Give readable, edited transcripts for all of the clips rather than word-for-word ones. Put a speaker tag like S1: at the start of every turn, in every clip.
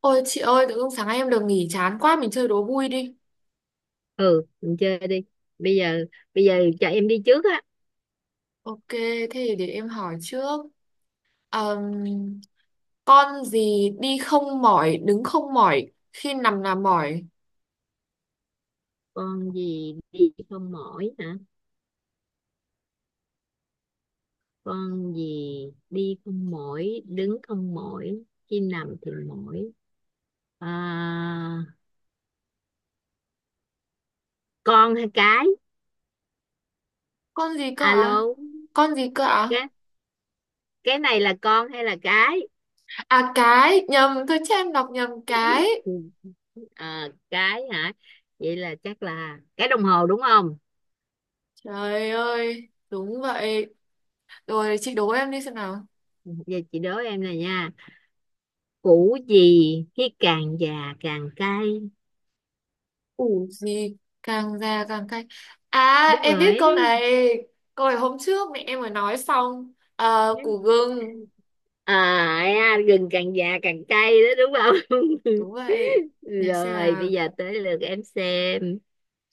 S1: Ôi chị ơi, tự dưng sáng nay em được nghỉ chán quá, mình chơi đố vui đi.
S2: Ừ, mình chơi đi. Bây giờ bây giờ cho em đi trước á.
S1: Ok, thế thì để em hỏi trước. Ờm, con gì đi không mỏi, đứng không mỏi, khi nằm là mỏi.
S2: Con gì đi không mỏi hả? Con gì đi không mỏi, đứng không mỏi, khi nằm thì mỏi? À, con hay cái?
S1: Con gì cơ ạ?
S2: Alo.
S1: Con gì cơ ạ?
S2: Cái. Cái này là con hay là cái?
S1: À cái, nhầm, thôi chứ em đọc nhầm cái.
S2: Ừ, à, cái hả? Vậy là chắc là cái đồng hồ đúng không?
S1: Trời ơi, đúng vậy. Rồi chị đố em đi xem nào.
S2: Giờ chị đố em này nha. Củ gì khi càng già càng cay?
S1: Củ gì càng già càng cay. À,
S2: Đúng
S1: em biết
S2: rồi.
S1: câu này. Câu này hôm trước mẹ em mới nói xong. Ờ, củ gừng.
S2: Gừng càng già càng cay đó đúng không?
S1: Đúng vậy. Để xem
S2: Rồi
S1: nào,
S2: bây giờ tới lượt em xem.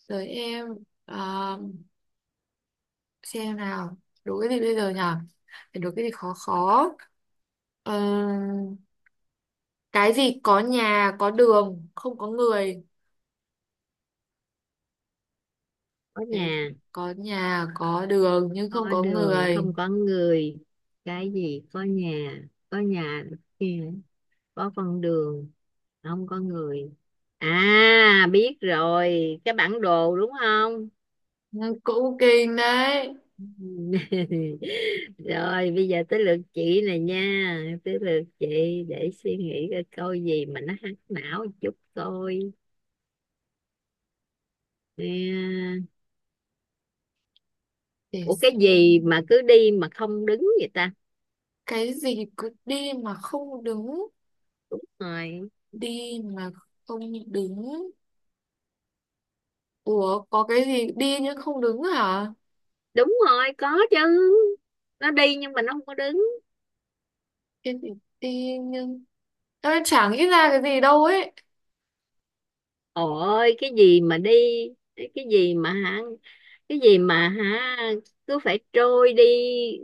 S1: tới em. Ờ, xem nào, đủ cái gì bây giờ nhở, phải đủ cái gì khó khó. Ờ, cái gì có nhà có đường không có người,
S2: Có
S1: cái
S2: nhà,
S1: có nhà có đường nhưng không
S2: có
S1: có
S2: đường,
S1: người.
S2: không có người. Cái gì có nhà? Có nhà, kia, có con đường, không có người. À, biết rồi, cái bản đồ đúng không?
S1: Ừ, cũng kinh đấy.
S2: Rồi bây giờ tới lượt chị này nha, tới lượt chị. Để suy nghĩ coi câu gì mà nó hack não chút coi. Nè,
S1: Để
S2: ủa cái gì
S1: xem,
S2: mà cứ đi mà không đứng vậy ta?
S1: cái gì cứ đi mà không đứng,
S2: Rồi.
S1: đi mà không đứng. Ủa có cái gì đi nhưng không đứng hả?
S2: Đúng rồi, có chứ. Nó đi nhưng mà nó không có đứng.
S1: Cái gì đi nhưng... Ơi, chẳng nghĩ ra cái gì đâu ấy.
S2: Ôi, cái gì mà đi, cái gì mà hả, cái gì mà hả, cứ phải trôi đi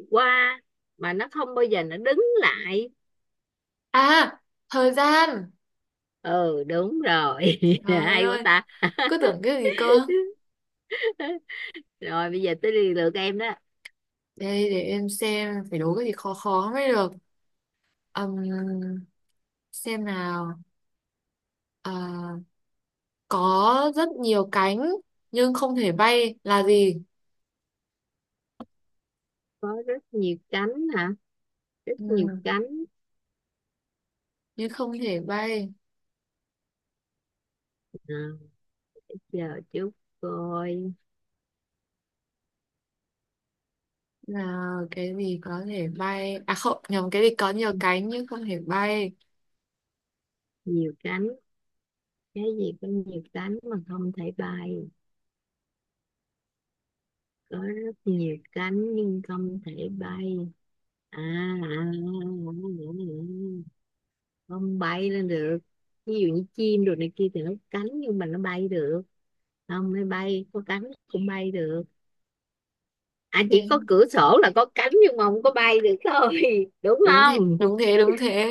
S2: qua mà nó không bao giờ nó đứng lại.
S1: À, thời gian.
S2: Ừ, đúng rồi.
S1: Trời
S2: Hay quá
S1: ơi,
S2: ta.
S1: cứ tưởng cái gì cơ.
S2: Rồi bây giờ tới lượt em đó.
S1: Đây, để em xem, phải đố cái gì khó khó mới được. Ừm, xem nào. À, có rất nhiều cánh, nhưng không thể bay là gì?
S2: Có rất nhiều cánh hả? Rất nhiều
S1: Ừm,
S2: cánh.
S1: nhưng không thể bay
S2: À, giờ chút coi.
S1: là cái gì có thể bay? À không, nhầm, cái gì có nhiều cánh nhưng không thể bay.
S2: Nhiều cánh. Cái gì có nhiều cánh mà không thể bay? Có rất nhiều cánh nhưng không thể bay. à, à, à, Không bay lên được. Ví dụ như chim đồ này kia thì nó có cánh nhưng mà nó bay được. Không, nó bay có cánh cũng bay được. À, chỉ
S1: Thế-
S2: có cửa sổ là có cánh nhưng mà không có bay được thôi, đúng
S1: Đúng thế,
S2: không?
S1: đúng thế, đúng thế.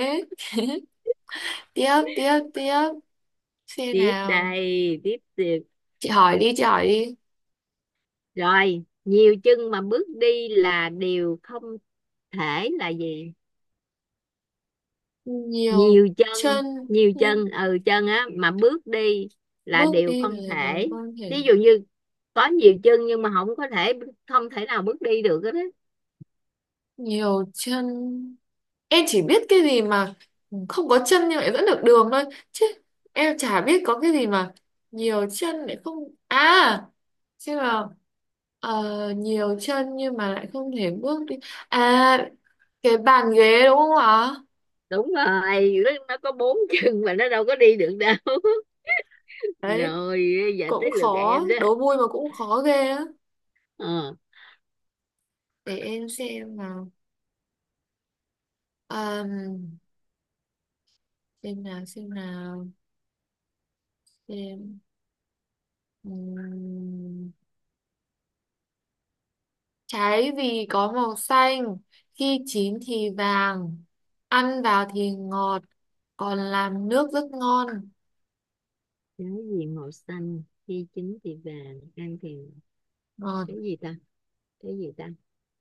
S1: Tiếp, tiếp, tiếp. Xem
S2: Tiếp
S1: nào.
S2: đây, tiếp tiếp.
S1: Chị hỏi đi, chị hỏi đi.
S2: Rồi, nhiều chân mà bước đi là điều không thể là gì?
S1: Nhiều
S2: Nhiều chân.
S1: chân
S2: Nhiều
S1: nhưng
S2: chân, ừ, chân á mà bước đi là
S1: bước
S2: điều
S1: đi
S2: không
S1: là điều
S2: thể.
S1: quan hệ.
S2: Ví dụ như có nhiều chân nhưng mà không có thể, không thể nào bước đi được hết á.
S1: Nhiều chân, em chỉ biết cái gì mà không có chân nhưng lại dẫn được đường thôi, chứ em chả biết có cái gì mà nhiều chân lại không à. Chứ mà ờ, nhiều chân nhưng mà lại không thể bước đi. À, cái bàn ghế đúng không ạ?
S2: Đúng rồi, nó có bốn chân mà nó đâu có đi được đâu
S1: Đấy.
S2: rồi giờ
S1: Cũng
S2: tới lượt
S1: khó,
S2: em đó.
S1: đố vui mà cũng khó ghê á.
S2: Ờ.
S1: Để em xem nào. Ờm, xem nào, xem nào, xem Ừm, trái vì có màu xanh, khi chín thì vàng, ăn vào thì ngọt, còn làm nước rất ngon.
S2: Cái gì màu xanh, khi chín thì vàng, ăn thì?
S1: Ngọt,
S2: Cái gì ta? Cái gì ta?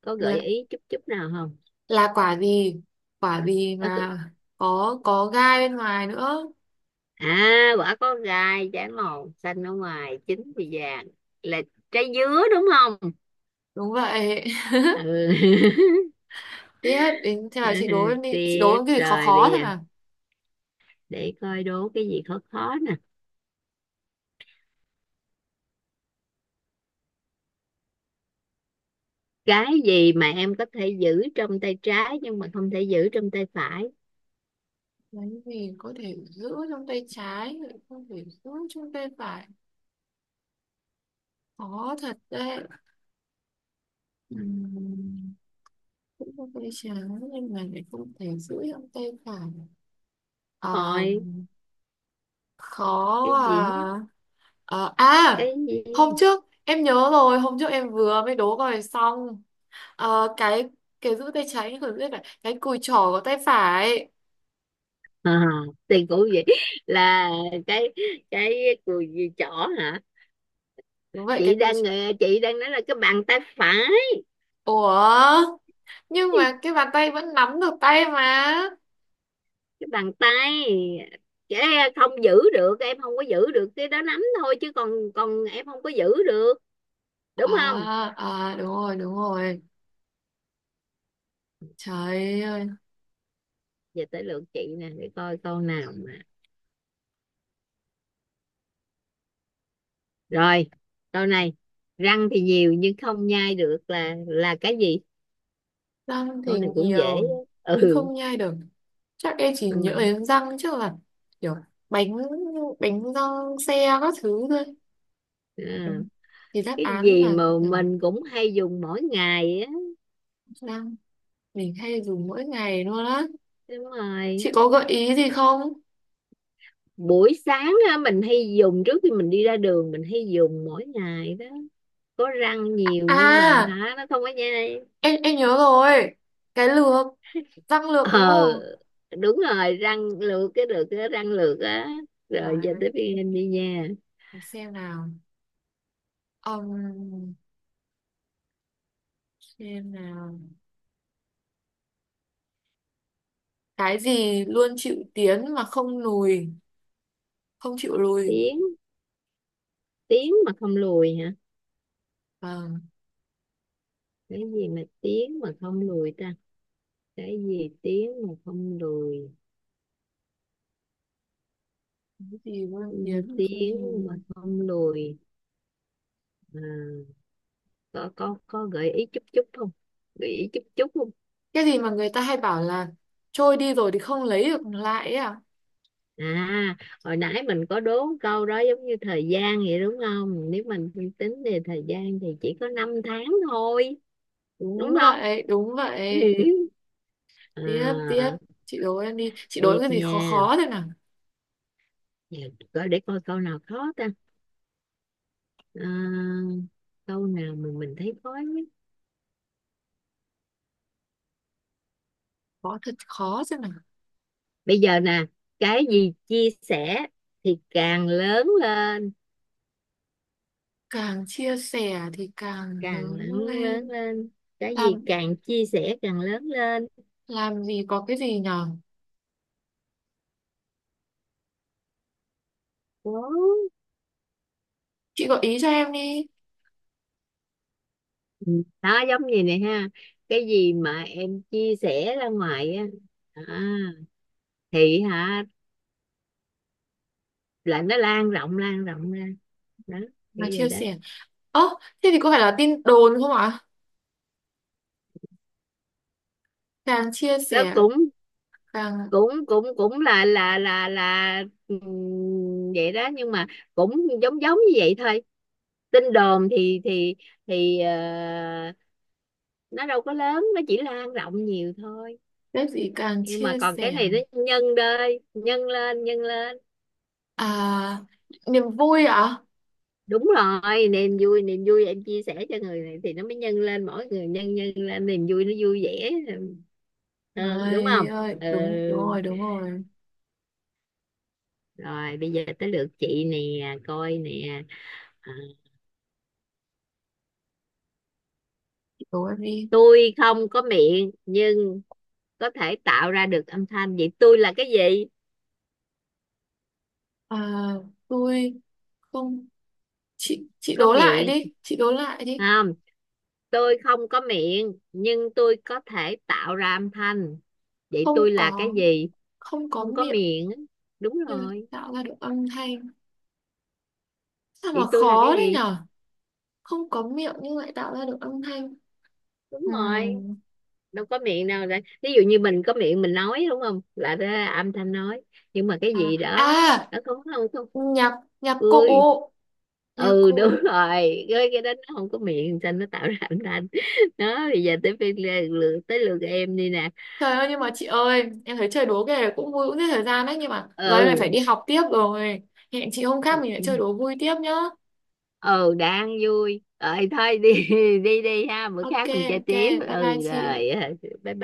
S2: Có gợi
S1: là,
S2: ý chút chút nào không?
S1: là quả gì? Quả gì
S2: Đó.
S1: mà có gai bên ngoài nữa.
S2: À, quả có gai, trái màu xanh ở ngoài chín thì vàng, là trái dứa đúng không?
S1: Đúng vậy.
S2: Ừ.
S1: Tiếp đến thế là chị đố em đi, chị đố
S2: Tiếp
S1: em cái gì khó
S2: rồi
S1: khó
S2: bây
S1: thế
S2: giờ,
S1: nào.
S2: để coi đố cái gì khó khó nè. Cái gì mà em có thể giữ trong tay trái nhưng mà không thể giữ trong tay phải?
S1: Cái gì có thể giữ trong tay trái, lại không thể giữ trong tay phải. Khó thật đấy. Ừm, Cũng có tay trái nhưng mà lại không thể giữ trong tay phải. À,
S2: Ôi, cái
S1: khó
S2: gì?
S1: à. Ờ, à,
S2: Cái gì?
S1: hôm trước em nhớ rồi, hôm trước em vừa mới đố rồi xong. Ờ, cái giữ tay trái nhưng còn giữ tay phải, cái cùi chỏ có tay phải.
S2: À, thì cũng vậy, là cái cái cùi gì chỏ hả?
S1: Đúng vậy,
S2: chị
S1: cái cùi
S2: đang
S1: chỏ.
S2: ờ, chị đang nói là cái bàn tay phải.
S1: Ủa nhưng mà cái bàn tay vẫn nắm được tay mà.
S2: Cái bàn tay. Cái. Không giữ được, em không có giữ được, cái đó nắm thôi chứ còn còn em không có giữ được, đúng không?
S1: À, à đúng rồi, đúng rồi. Trời ơi.
S2: Giờ tới lượt chị nè, để coi câu nào mà. Rồi, câu này. Răng thì nhiều nhưng không nhai được là cái gì?
S1: Răng
S2: Câu
S1: thì
S2: này cũng dễ.
S1: nhiều nhưng
S2: Ừ,
S1: không nhai được. Chắc em chỉ nhớ
S2: ừ.
S1: đến răng chứ, là kiểu bánh bánh răng xe các thứ thôi. Ừ.
S2: À,
S1: Thì đáp
S2: cái
S1: án
S2: gì
S1: là
S2: mà
S1: ừ,
S2: mình cũng hay dùng mỗi ngày á?
S1: răng mình hay dùng mỗi ngày luôn á.
S2: Đúng
S1: Chị
S2: rồi.
S1: có gợi ý gì không?
S2: Buổi sáng á, mình hay dùng trước khi mình đi ra đường, mình hay dùng mỗi ngày đó. Có răng nhiều nhưng mà
S1: À,
S2: hả, nó không có nhai.
S1: em nhớ rồi. Cái lược, răng lược đúng
S2: Ờ,
S1: không?
S2: đúng rồi, răng lược, cái được cái răng lược á. Rồi
S1: Trời
S2: giờ
S1: ơi,
S2: tới phiên em đi nha.
S1: để xem nào. Ừm, xem nào. Cái gì luôn chịu tiến mà không lùi, không chịu lùi.
S2: Tiếng tiếng mà không lùi hả?
S1: Vâng.
S2: Cái gì mà tiếng mà không lùi ta? Cái gì tiếng mà không lùi?
S1: Cái gì vương
S2: Ừ,
S1: kiến mà không
S2: tiếng mà
S1: nhìn,
S2: không lùi. À, có gợi ý chút chút không? Gợi ý chút chút.
S1: cái gì mà người ta hay bảo là trôi đi rồi thì không lấy được lại ấy à.
S2: À, hồi nãy mình có đố câu đó giống như thời gian vậy đúng không? Nếu mình suy tính về thời gian thì chỉ có 5 tháng thôi, đúng
S1: Đúng
S2: không?
S1: vậy, đúng vậy. Tiếp, tiếp,
S2: À,
S1: chị đố em đi, chị đố
S2: tiếp
S1: em cái gì khó
S2: nha.
S1: khó thế nào.
S2: Giờ coi để coi câu nào khó ta. À, câu nào mà mình thấy khó nhất.
S1: Khó thật, khó thế nào.
S2: Bây giờ nè, cái gì chia sẻ thì càng lớn lên,
S1: Càng chia sẻ thì càng
S2: càng
S1: lớn
S2: lớn lớn
S1: lên.
S2: lên. Cái gì
S1: làm
S2: càng chia sẻ càng lớn lên.
S1: làm gì có cái gì nhở?
S2: Wow.
S1: Chị gợi ý cho em đi.
S2: Ừ. Đó giống như này ha, cái gì mà em chia sẻ ra ngoài á, à, thì hả, là nó lan rộng ra đó, kiểu
S1: Mà chia
S2: vậy đó.
S1: sẻ, ơ, thế thì có phải là tin đồn không ạ? Càng chia
S2: Nó
S1: sẻ
S2: cũng
S1: càng,
S2: cũng cũng cũng là vậy đó nhưng mà cũng giống giống như vậy thôi. Tin đồn thì ờ, nó đâu có lớn, nó chỉ lan rộng nhiều thôi.
S1: cái gì càng
S2: Nhưng mà
S1: chia
S2: còn cái
S1: sẻ.
S2: này nó nhân đơi, nhân lên nhân lên.
S1: À, niềm vui ạ.
S2: Đúng rồi, niềm vui, niềm vui em chia sẻ cho người này thì nó mới nhân lên, mỗi người nhân nhân lên niềm vui, nó vui vẻ hơn đúng
S1: Ai
S2: không?
S1: ơi,
S2: Ừ.
S1: đúng, đúng rồi, đúng rồi.
S2: Rồi bây giờ tới lượt chị nè, coi nè. À,
S1: Chị đố em đi.
S2: tôi không có miệng nhưng có thể tạo ra được âm thanh, vậy tôi là cái gì?
S1: À, tôi không, chị chị
S2: Có
S1: đố lại
S2: miệng
S1: đi, chị đố lại đi.
S2: không? Tôi không có miệng nhưng tôi có thể tạo ra âm thanh, vậy
S1: Không
S2: tôi là cái
S1: có
S2: gì?
S1: Không có
S2: Không có
S1: miệng
S2: miệng á. Đúng
S1: nhưng lại
S2: rồi.
S1: tạo ra được âm thanh. Sao mà
S2: Vậy tôi là
S1: khó
S2: cái
S1: đấy
S2: gì?
S1: nhở? Không có miệng nhưng lại tạo ra được âm thanh.
S2: Đúng rồi.
S1: Ừm,
S2: Đâu có miệng nào, để ví dụ như mình có miệng mình nói đúng không, là ra âm thanh nói. Nhưng mà cái
S1: À,
S2: gì đó,
S1: à,
S2: nó không không không
S1: nhạc nhạc cụ,
S2: Cười.
S1: nhạc
S2: Ừ, đúng
S1: cụ.
S2: rồi, cái đó nó không có miệng cho nên nó tạo ra âm thanh đó. Bây giờ tới tới lượt em đi nè.
S1: Trời ơi nhưng mà chị ơi, em thấy chơi đố cái này cũng vui, cũng giết thời gian đấy nhưng mà giờ em lại phải
S2: Ừ.
S1: đi học tiếp rồi. Hẹn chị hôm khác mình lại chơi đố vui tiếp nhá.
S2: Ừ, đang vui rồi thôi đi. Đi đi ha, bữa
S1: Ok,
S2: khác mình chơi
S1: ok.
S2: tiếp,
S1: Bye bye
S2: ừ
S1: chị.
S2: rồi. Bye bye.